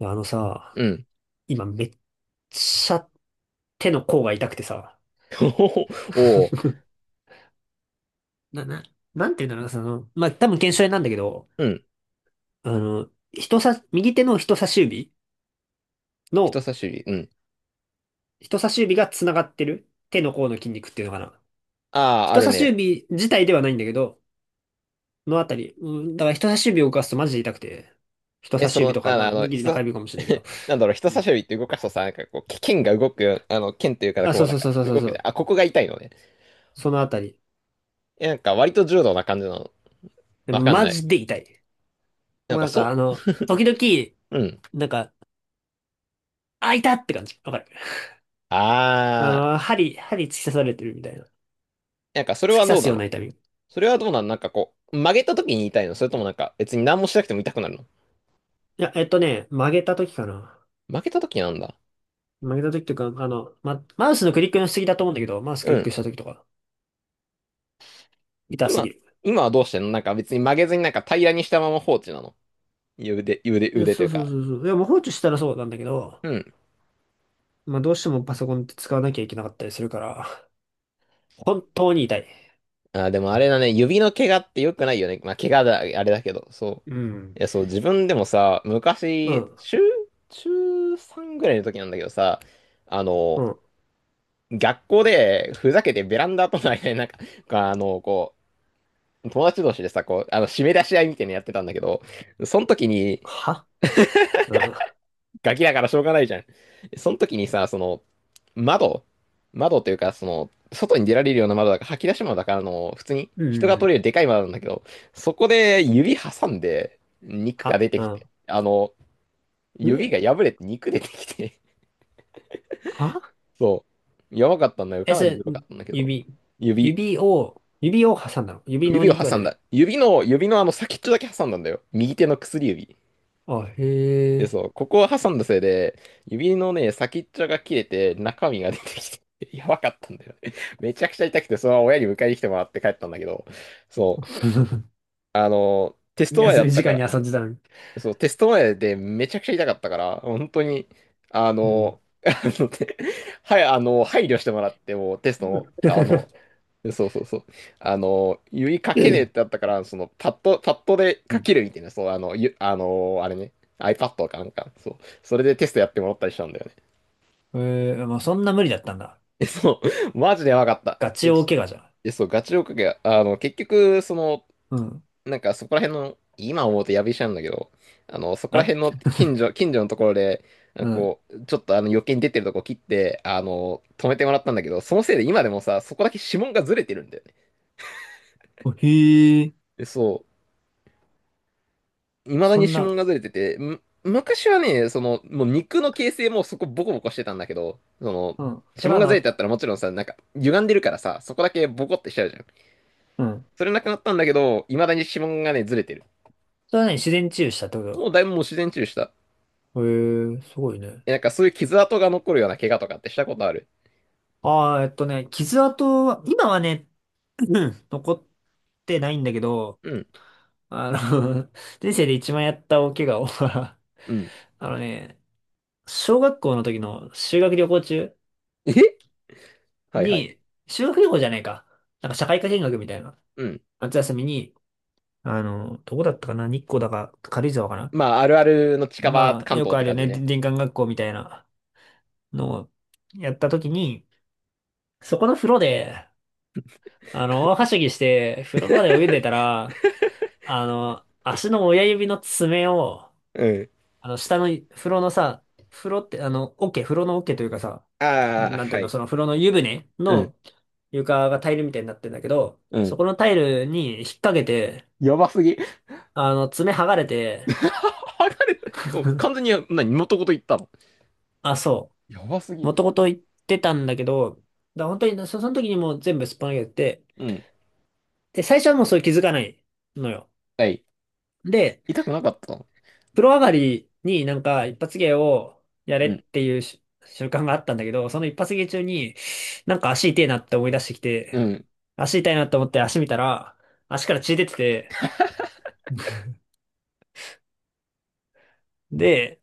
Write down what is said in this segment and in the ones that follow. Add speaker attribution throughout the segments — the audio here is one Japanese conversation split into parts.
Speaker 1: あのさ、
Speaker 2: うん。
Speaker 1: 今めっちゃ手の甲が痛くてさ、
Speaker 2: おお、
Speaker 1: な、な、なんていうんだろうな、その、まあ、多分腱鞘炎なんだけど、
Speaker 2: うん。
Speaker 1: あの、人さ、右手の人差し指の、
Speaker 2: 人差し指。うん。
Speaker 1: 人差し指が繋がってる手の甲の筋肉っていうのかな。
Speaker 2: ああ、あ
Speaker 1: 人
Speaker 2: る
Speaker 1: 差し
Speaker 2: ね。
Speaker 1: 指自体ではないんだけど、のあたり、うん、だから人差し指を動かすとマジで痛くて、人
Speaker 2: え、
Speaker 1: 差し
Speaker 2: その、
Speaker 1: 指とか、
Speaker 2: なん
Speaker 1: ま
Speaker 2: だ、あ
Speaker 1: あ、
Speaker 2: の、
Speaker 1: ネギリ中
Speaker 2: 人、
Speaker 1: 指かもしれないけど、
Speaker 2: なんだろう、人
Speaker 1: う
Speaker 2: 差
Speaker 1: ん。
Speaker 2: し指って動かすとさ、なんかこう、け剣が動く、あの、剣というか、
Speaker 1: あ、
Speaker 2: こ
Speaker 1: そ
Speaker 2: う、
Speaker 1: う
Speaker 2: なん
Speaker 1: そう
Speaker 2: か、
Speaker 1: そうそうそう
Speaker 2: 動
Speaker 1: そ
Speaker 2: くじゃん。
Speaker 1: う、
Speaker 2: あ、ここが痛いのね。
Speaker 1: そのあたり。
Speaker 2: え、なんか、割と柔道な感じなの。わかん
Speaker 1: マ
Speaker 2: ない。
Speaker 1: ジで痛い。
Speaker 2: なん
Speaker 1: もう
Speaker 2: か、
Speaker 1: なん
Speaker 2: そ、
Speaker 1: かあの、時々、
Speaker 2: うん。
Speaker 1: なんか、あ、いたって感じ。わかる。あ
Speaker 2: ああ、
Speaker 1: の、針突き刺されてるみたいな。
Speaker 2: なんか、それ
Speaker 1: 突
Speaker 2: は
Speaker 1: き刺
Speaker 2: どう
Speaker 1: す
Speaker 2: な
Speaker 1: ような
Speaker 2: の
Speaker 1: 痛み。い
Speaker 2: それはどうなのなんかこう、曲げた時に痛いの？それともなんか、別に何もしなくても痛くなるの？
Speaker 1: や、えっとね、曲げた時かな。
Speaker 2: 曲げた時なんだ。
Speaker 1: 曲げた時というか、あの、マウスのクリックのしすぎだと思うんだけど、マウスク
Speaker 2: う
Speaker 1: リック
Speaker 2: ん。
Speaker 1: した時とか、痛すぎ
Speaker 2: 今、
Speaker 1: る。
Speaker 2: 今はどうしてんの？なんか別に曲げずになんか平らにしたまま放置なの？腕、腕、
Speaker 1: いや
Speaker 2: 腕と
Speaker 1: そ
Speaker 2: い
Speaker 1: う
Speaker 2: う
Speaker 1: そう
Speaker 2: か、
Speaker 1: そうそう。いや、もう放置したらそうなんだけど、
Speaker 2: うん。
Speaker 1: まあ、どうしてもパソコンって使わなきゃいけなかったりするから、本当に痛い。
Speaker 2: あ、でもあれだね、指の怪我って良くないよね。まあ、怪我だ、あれだけど、そ
Speaker 1: う
Speaker 2: う。
Speaker 1: ん。
Speaker 2: いや、そう、自分でもさ、
Speaker 1: う
Speaker 2: 昔、
Speaker 1: ん。
Speaker 2: 中、中3ぐらいの時なんだけどさ、あ
Speaker 1: う
Speaker 2: の、
Speaker 1: ん。
Speaker 2: 学校でふざけてベランダとの間になんか、あの、こう、友達同士でさ、こう、あの、締め出し合いみたいなのやってたんだけど、その時に、
Speaker 1: はうん。
Speaker 2: ガキだからしょうがないじゃん。その時にさ、その、窓、窓というか、その、外に出られるような窓だから、吐き出し窓だから、あの、普通に
Speaker 1: う
Speaker 2: 人が取
Speaker 1: ん。
Speaker 2: れるでかい窓なんだけど、そこで指挟んで、肉が
Speaker 1: は
Speaker 2: 出てきて、
Speaker 1: う
Speaker 2: あの、
Speaker 1: ん。
Speaker 2: 指
Speaker 1: え
Speaker 2: が破れて肉出てきて、
Speaker 1: は
Speaker 2: そう、やばかったんだよ。
Speaker 1: え、
Speaker 2: かな
Speaker 1: そ
Speaker 2: りグ
Speaker 1: れ、
Speaker 2: ロかったんだけど、
Speaker 1: 指、
Speaker 2: 指、
Speaker 1: 指を挟んだの。指のお
Speaker 2: 指を
Speaker 1: 肉が
Speaker 2: 挟
Speaker 1: 出
Speaker 2: んだ。
Speaker 1: て
Speaker 2: 指の、指のあの先っちょだけ挟んだんだよ。右手の薬指。
Speaker 1: あ、へ
Speaker 2: で、
Speaker 1: え。
Speaker 2: そう、ここを挟んだせいで、指のね、先っちょが切れて、中身が出てきて、やばかったんだよね。めちゃくちゃ痛くて、そのまま親に迎えに来てもらって帰ったんだけど、そう、あの、テスト前
Speaker 1: 休
Speaker 2: だ
Speaker 1: み
Speaker 2: った
Speaker 1: 時
Speaker 2: か
Speaker 1: 間に
Speaker 2: ら、
Speaker 1: 遊んでたのに。
Speaker 2: そう、テスト前でめちゃくちゃ痛かったから、本当に、あ
Speaker 1: うん。
Speaker 2: の、あの、てはい、あの、配慮してもらって、もうテストも、あの、そうそうそう、あの、指かけねえってあったから、その、パッド、パッドで
Speaker 1: う
Speaker 2: 書
Speaker 1: ん。
Speaker 2: けるみたいな、そう、あの、ゆ、あの、あれね、iPad かなんか、そう、それでテストやってもらったりしたんだよね。
Speaker 1: えー、まあ、そんな無理だったんだ。
Speaker 2: え、そう、マジでやばかった。
Speaker 1: ガチ
Speaker 2: え、
Speaker 1: 大
Speaker 2: ち
Speaker 1: 怪我じゃん。
Speaker 2: え、そう、ガチで追っかけ、あの、結局、その、
Speaker 1: うん。
Speaker 2: なんかそこら辺の、今思うとやびしゃんだけど、あの、そこら
Speaker 1: あ
Speaker 2: 辺の近所、近所のところで、なん
Speaker 1: う
Speaker 2: か
Speaker 1: ん。
Speaker 2: こう、ちょっとあの余計に出てるとこ切って、あの、止めてもらったんだけど、そのせいで今でもさ、そこだけ指紋がずれてるんだよね。
Speaker 1: おへえ。
Speaker 2: で、そう、未だ
Speaker 1: そ
Speaker 2: に
Speaker 1: ん
Speaker 2: 指紋
Speaker 1: な、
Speaker 2: がずれてて、む昔はね、その、もう肉の形成もそこボコボコしてたんだけど、その、
Speaker 1: うん。
Speaker 2: 指
Speaker 1: それ
Speaker 2: 紋
Speaker 1: は
Speaker 2: がず
Speaker 1: 治
Speaker 2: れ
Speaker 1: っ
Speaker 2: てあっ
Speaker 1: た？
Speaker 2: たらもちろんさ、なんか歪んでるからさ、そこだけボコってしちゃうじゃん。
Speaker 1: うん。
Speaker 2: それなくなったんだけど、未だに指紋がね、ずれてる。
Speaker 1: それはね、自然治癒したってこ
Speaker 2: も
Speaker 1: と？
Speaker 2: うだいぶもう自然治癒した。
Speaker 1: だへえ、すごいね。
Speaker 2: え、なんかそういう傷跡が残るような怪我とかってしたことある？
Speaker 1: ああ、えっとね、傷跡は、今はね、うん残ってないんだけど、
Speaker 2: うん、
Speaker 1: あの、人生で一番やった大怪我を
Speaker 2: うん。
Speaker 1: あのね、小学校の時の修学旅行中
Speaker 2: え はいはい。
Speaker 1: に、修学旅行じゃないか。なんか社会科見学みたいな。
Speaker 2: うん。
Speaker 1: 夏休みに、あの、どこだったかな、日光だか軽井沢かな。
Speaker 2: まあ、あるあるの近場
Speaker 1: まあ、
Speaker 2: 関
Speaker 1: よ
Speaker 2: 東
Speaker 1: く
Speaker 2: っ
Speaker 1: あ
Speaker 2: て
Speaker 1: るよ
Speaker 2: 感じ
Speaker 1: ね。で
Speaker 2: ね。
Speaker 1: 林間学校みたいなのをやった時に、そこの風呂で、あの、大はしゃぎして、風呂場で泳いで たら、あの、足の親指の爪を、
Speaker 2: うん。
Speaker 1: あの、下の風呂のさ、風呂って、あの、桶、風呂の桶というかさ、
Speaker 2: ああ、
Speaker 1: なんてい
Speaker 2: は
Speaker 1: うの、
Speaker 2: い。
Speaker 1: その風呂の湯船
Speaker 2: うん、
Speaker 1: の床がタイルみたいになってんだけど、
Speaker 2: う
Speaker 1: そ
Speaker 2: ん。
Speaker 1: このタイルに引っ掛けて、
Speaker 2: やばすぎ。
Speaker 1: あの、爪剥がれて、
Speaker 2: 剥がれた。もう完全に、な、元ごと言ったの？
Speaker 1: あ、そ
Speaker 2: やばす
Speaker 1: う、
Speaker 2: ぎ。
Speaker 1: もともと言ってたんだけど、だから本当にそ、その時にもう全部すっぱ抜けてて、
Speaker 2: うん。
Speaker 1: で、最初はもうそれ気づかないのよ。
Speaker 2: はい。
Speaker 1: で、
Speaker 2: 痛くなかったの？
Speaker 1: プロ上がりになんか一発芸をやれ
Speaker 2: う
Speaker 1: っ
Speaker 2: ん、
Speaker 1: ていうし習慣があったんだけど、その一発芸中になんか足痛いなって思い出してき
Speaker 2: う
Speaker 1: て、
Speaker 2: ん、
Speaker 1: 足痛いなって思って足見たら、足から血出てて、で、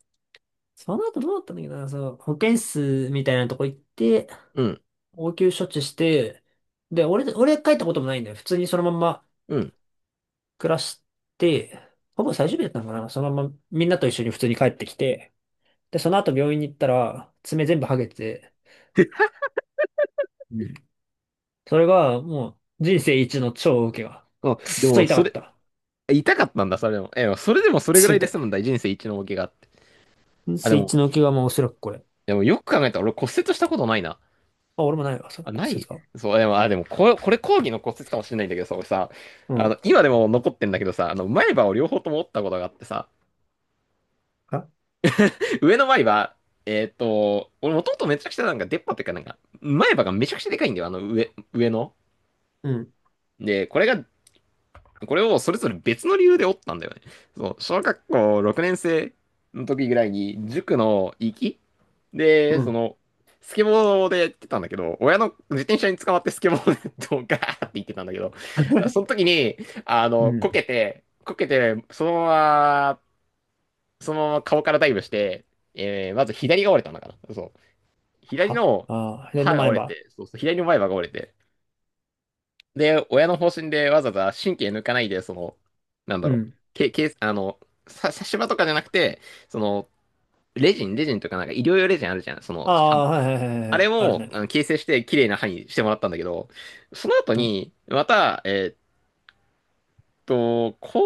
Speaker 1: その後どうだったんだっけどな、その保健室みたいなとこ行って、
Speaker 2: うん、
Speaker 1: 応急処置して、で、俺帰ったこともないんだよ。普通にそのまんま
Speaker 2: うん。
Speaker 1: 暮らして、ほぼ最終日だったのかな。そのままみんなと一緒に普通に帰ってきて、で、その後病院に行ったら、爪全部剥げてて、それが、もう、人生一の超受けが。
Speaker 2: あ、
Speaker 1: くっ
Speaker 2: で
Speaker 1: そ
Speaker 2: も、
Speaker 1: 痛か
Speaker 2: そ
Speaker 1: っ
Speaker 2: れ、
Speaker 1: た。くっ
Speaker 2: 痛かったんだ、それでも。え、それでもそれぐ
Speaker 1: そ
Speaker 2: らい
Speaker 1: 痛
Speaker 2: で済むん
Speaker 1: い。
Speaker 2: だ、人生一の大怪我って。
Speaker 1: 人
Speaker 2: あ、で
Speaker 1: 生一
Speaker 2: も、
Speaker 1: の受けが、まあ、おそらくこれ。
Speaker 2: でもよく考えたら俺骨折したことないな。
Speaker 1: あ、俺もないわ、それ、
Speaker 2: あ、な
Speaker 1: 骨折
Speaker 2: い？
Speaker 1: が。
Speaker 2: そう、でも、あ、でもこれ、これ講義の骨折かもしれないんだけどさ、俺さ、
Speaker 1: う
Speaker 2: あ
Speaker 1: ん。
Speaker 2: の、今でも残ってんだけどさ、あの、前歯を両方とも折ったことがあってさ、
Speaker 1: あ、
Speaker 2: 上の前歯、えーっと、俺もともとめちゃくちゃなんか出っ歯っていうかなんか、前歯がめちゃくちゃでかいんだよ、あの上、上の。
Speaker 1: うん。
Speaker 2: で、これがこれをそれぞれ別の理由で折ったんだよね。そう、小学校6年生の時ぐらいに、塾の行きで、
Speaker 1: う
Speaker 2: そ
Speaker 1: ん。
Speaker 2: の、スケボーでやってたんだけど、親の自転車に捕まってスケボーでドガーって行ってたんだけど、その時に、あ
Speaker 1: う
Speaker 2: の、こ
Speaker 1: ん。
Speaker 2: けて、こけて、ま、そのまま顔からダイブして、まず左が折れたんだからそう。左
Speaker 1: は、
Speaker 2: の
Speaker 1: あー、で、で、
Speaker 2: 歯が
Speaker 1: 前
Speaker 2: 折れ
Speaker 1: 歯。
Speaker 2: て、そうそう、左の前歯が折れて、で、親の方針でわざわざ神経抜かないで、その、なんだ
Speaker 1: う
Speaker 2: ろう、
Speaker 1: ん。
Speaker 2: け、け、あの、さ、差し歯とかじゃなくて、その、レジン、レジンとかなんか医療用レジンあるじゃん。その、
Speaker 1: ああ、はいはいはい
Speaker 2: あ
Speaker 1: は
Speaker 2: れ
Speaker 1: い。ある
Speaker 2: も、あの、
Speaker 1: ね。
Speaker 2: 形成して綺麗な歯にしてもらったんだけど、その後
Speaker 1: うん。
Speaker 2: に、また、こ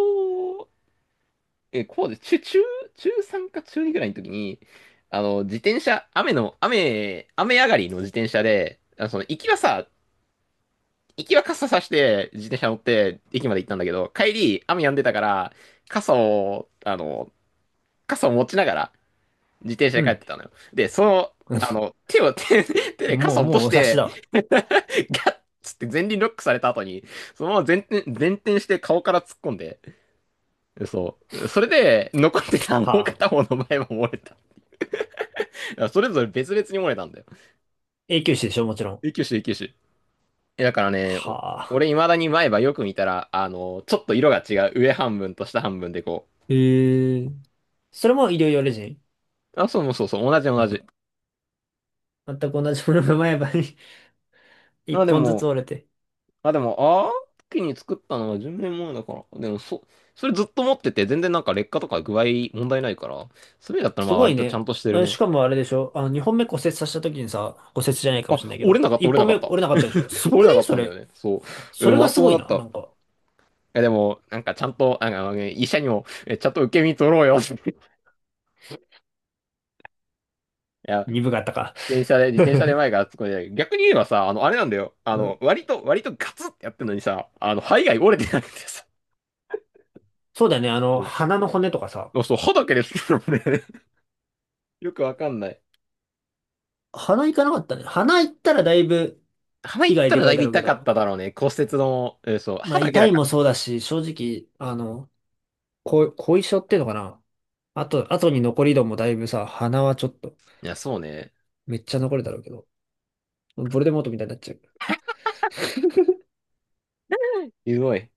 Speaker 2: う、え、こうで、中、中、中3か中2ぐらいの時に、あの、自転車、雨の、雨、雨上がりの自転車で、あのその行きはさ、行きは傘さして自転車乗って駅まで行ったんだけど、帰り雨止んでたから、傘を、あの、傘を持ちながら自転車
Speaker 1: う
Speaker 2: で帰っ
Speaker 1: ん。
Speaker 2: てたのよ。で、その、あの、手を、手、手で
Speaker 1: も
Speaker 2: 傘
Speaker 1: う、
Speaker 2: を落
Speaker 1: も
Speaker 2: と
Speaker 1: うお
Speaker 2: し
Speaker 1: 察し
Speaker 2: て、
Speaker 1: だわ。
Speaker 2: ガッつって前輪ロックされた後に、そのまま前転、前転して顔から突っ込んで、そう。それで、残ってたも
Speaker 1: は
Speaker 2: う
Speaker 1: あ。
Speaker 2: 片方の前も漏れた。それぞれ別々に漏れたんだよ。
Speaker 1: 永久歯でしょ、もちろん。
Speaker 2: 救急車、救急車。えだからね、お
Speaker 1: は
Speaker 2: 俺
Speaker 1: あ。
Speaker 2: 未だに前歯よく見たら、あの、ちょっと色が違う。上半分と下半分でこ
Speaker 1: へえ。それも医療用レジン？
Speaker 2: う。あ、そうもそうそう、同じ同じ。
Speaker 1: 全く同じものが前歯に
Speaker 2: ま
Speaker 1: 一
Speaker 2: あで
Speaker 1: 本ずつ
Speaker 2: も、
Speaker 1: 折れて。
Speaker 2: まあでも、ああ、時に作ったのは10年前だから。でも、そ、それずっと持ってて、全然なんか劣化とか具合問題ないから、それだったら
Speaker 1: す
Speaker 2: まあ
Speaker 1: ご
Speaker 2: 割
Speaker 1: い
Speaker 2: とちゃ
Speaker 1: ね。
Speaker 2: んとしてる
Speaker 1: あし
Speaker 2: ね。
Speaker 1: かもあれでしょあの、2本目骨折させた時にさ、骨折じゃないかも
Speaker 2: あ、
Speaker 1: しれないけ
Speaker 2: 折れ
Speaker 1: ど、
Speaker 2: なかった、
Speaker 1: 1
Speaker 2: 折れな
Speaker 1: 本
Speaker 2: か
Speaker 1: 目
Speaker 2: った。
Speaker 1: 折れなかったでしょ、すご
Speaker 2: 折れ
Speaker 1: く
Speaker 2: な
Speaker 1: ね
Speaker 2: かっ
Speaker 1: そ
Speaker 2: たんだよ
Speaker 1: れ。
Speaker 2: ね。そう。
Speaker 1: そ
Speaker 2: うん
Speaker 1: れ
Speaker 2: ま
Speaker 1: が
Speaker 2: と
Speaker 1: す
Speaker 2: も
Speaker 1: ご
Speaker 2: だ
Speaker 1: い
Speaker 2: っ
Speaker 1: な。
Speaker 2: た。
Speaker 1: なんか、
Speaker 2: え、でも、なんかちゃんと、なんか、ね、医者にも、え、ちゃんと受け身取ろうよって。いや、
Speaker 1: 鈍かったか。
Speaker 2: 電車で、自転車で 前から突っ込んでない、逆に言えばさ、あの、あれなんだよ。あ
Speaker 1: う
Speaker 2: の、
Speaker 1: ん。
Speaker 2: 割とガツってやってんのにさ、あの、肺が折れてなくてさ。
Speaker 1: そうだよね。あ
Speaker 2: う
Speaker 1: の、
Speaker 2: んあ
Speaker 1: 鼻の骨とかさ。
Speaker 2: そう、そう歯だけですけどね。よくわかんない。
Speaker 1: 鼻行かなかったね。鼻行ったらだいぶ
Speaker 2: 鼻行
Speaker 1: 被
Speaker 2: っ
Speaker 1: 害
Speaker 2: た
Speaker 1: で
Speaker 2: ら
Speaker 1: か
Speaker 2: だ
Speaker 1: い
Speaker 2: いぶ
Speaker 1: だろうけ
Speaker 2: 痛かっ
Speaker 1: ど。
Speaker 2: ただろうね。骨折の、え、そう、
Speaker 1: ま
Speaker 2: 歯
Speaker 1: あ、
Speaker 2: だけ
Speaker 1: 痛
Speaker 2: だ
Speaker 1: い
Speaker 2: か
Speaker 1: も
Speaker 2: ら。
Speaker 1: そうだし、正直、あの、後遺症っていうのかな。あと、後に残り度もだいぶさ、鼻はちょっと、
Speaker 2: いや、そうね。
Speaker 1: めっちゃ残るだろうけど。ボルデモートみたいになっちゃう。
Speaker 2: ひどい。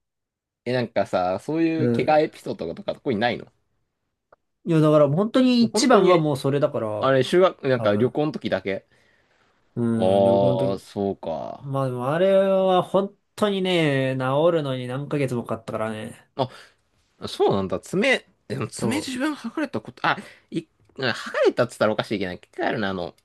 Speaker 2: え、なんかさ、そう
Speaker 1: う
Speaker 2: いう怪我エ
Speaker 1: ん。
Speaker 2: ピソードとか特にないの？
Speaker 1: いや、だから本当に
Speaker 2: 本
Speaker 1: 一
Speaker 2: 当
Speaker 1: 番は
Speaker 2: に、
Speaker 1: もうそれだから、
Speaker 2: あれ、修学、なん
Speaker 1: 多
Speaker 2: か旅
Speaker 1: 分。
Speaker 2: 行の時だけ。
Speaker 1: うん、旅行の
Speaker 2: ああ、
Speaker 1: 時。
Speaker 2: そうか。
Speaker 1: まあでもあれは本当にね、治るのに何ヶ月もかかったからね。
Speaker 2: あ、そうなんだ。爪、でも
Speaker 1: そ
Speaker 2: 爪自分剥がれたこと、あ、い、剥がれたっつったらおかしいけど、一回あるな、あの、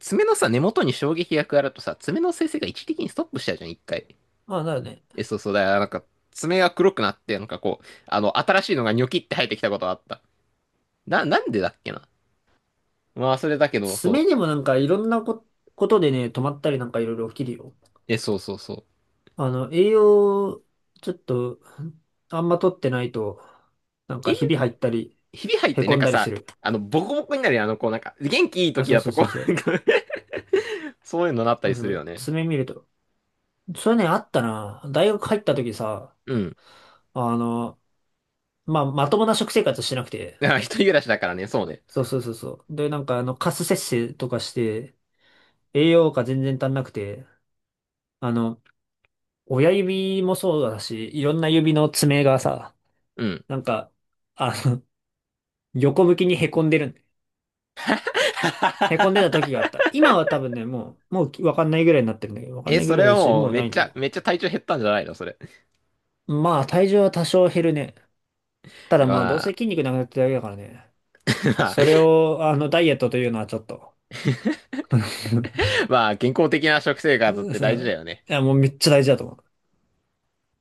Speaker 2: 爪のさ、根元に衝撃が加わるとさ、爪の生成が一時的にストップしちゃうじゃん、一回。
Speaker 1: う。まあだよね。
Speaker 2: え、そうそうだよ。なんか、爪が黒くなって、なんかこう、あの、新しいのがニョキって生えてきたことがあった。な、なんでだっけな。まあ、それだけど、
Speaker 1: 爪
Speaker 2: そ
Speaker 1: で
Speaker 2: う。
Speaker 1: もなんかいろんなこ、ことでね、止まったりなんかいろいろ起きるよ。
Speaker 2: え、そうそうそう。
Speaker 1: あの、栄養、ちょっと、あんま取ってないと、なんか
Speaker 2: え、
Speaker 1: ひび入ったり、
Speaker 2: ひび入っ
Speaker 1: へ
Speaker 2: て、な
Speaker 1: こ
Speaker 2: ん
Speaker 1: ん
Speaker 2: か
Speaker 1: だりす
Speaker 2: さ、
Speaker 1: る。
Speaker 2: あの、ボコボコになるよ、あの、こう、なんか、元気いい
Speaker 1: あ、
Speaker 2: 時
Speaker 1: そう
Speaker 2: だ
Speaker 1: そ
Speaker 2: と、
Speaker 1: う
Speaker 2: こ
Speaker 1: そうそ
Speaker 2: う、
Speaker 1: う。
Speaker 2: なんか そういうのなった
Speaker 1: そう
Speaker 2: りす
Speaker 1: そ
Speaker 2: るよ
Speaker 1: う、
Speaker 2: ね。
Speaker 1: 爪見ると。それね、あったな。大学入った時さ、
Speaker 2: うん。
Speaker 1: あの、まあ、まともな食生活してなくて。
Speaker 2: だから一人暮らしだからね、そうね。
Speaker 1: そうそうそうそう。で、なんか、あの、カス摂取とかして、栄養価全然足んなくて、あの、親指もそうだし、いろんな指の爪がさ、
Speaker 2: うん。
Speaker 1: なんか、あの、横向きにへこんでるへこんでた時 があった。今は多分ね、もう、もうわかんないぐらいになってるんだけど、わかん
Speaker 2: え、
Speaker 1: ないぐ
Speaker 2: そ
Speaker 1: ら
Speaker 2: れ
Speaker 1: い
Speaker 2: は
Speaker 1: だし、
Speaker 2: もう
Speaker 1: もう
Speaker 2: め
Speaker 1: な
Speaker 2: っ
Speaker 1: いん
Speaker 2: ち
Speaker 1: だけ
Speaker 2: ゃ、
Speaker 1: ど。
Speaker 2: めっちゃ体調減ったんじゃないの？それ。
Speaker 1: まあ、体重は多少減るね。ただ
Speaker 2: ま
Speaker 1: まあ、どうせ
Speaker 2: あ、
Speaker 1: 筋肉なくなってるだけだからね。
Speaker 2: まあ、
Speaker 1: それを、あの、ダイエットというのはちょっと。
Speaker 2: まあ健康的な食生 活って大事だよね。
Speaker 1: いや、もうめっちゃ大事だと思う。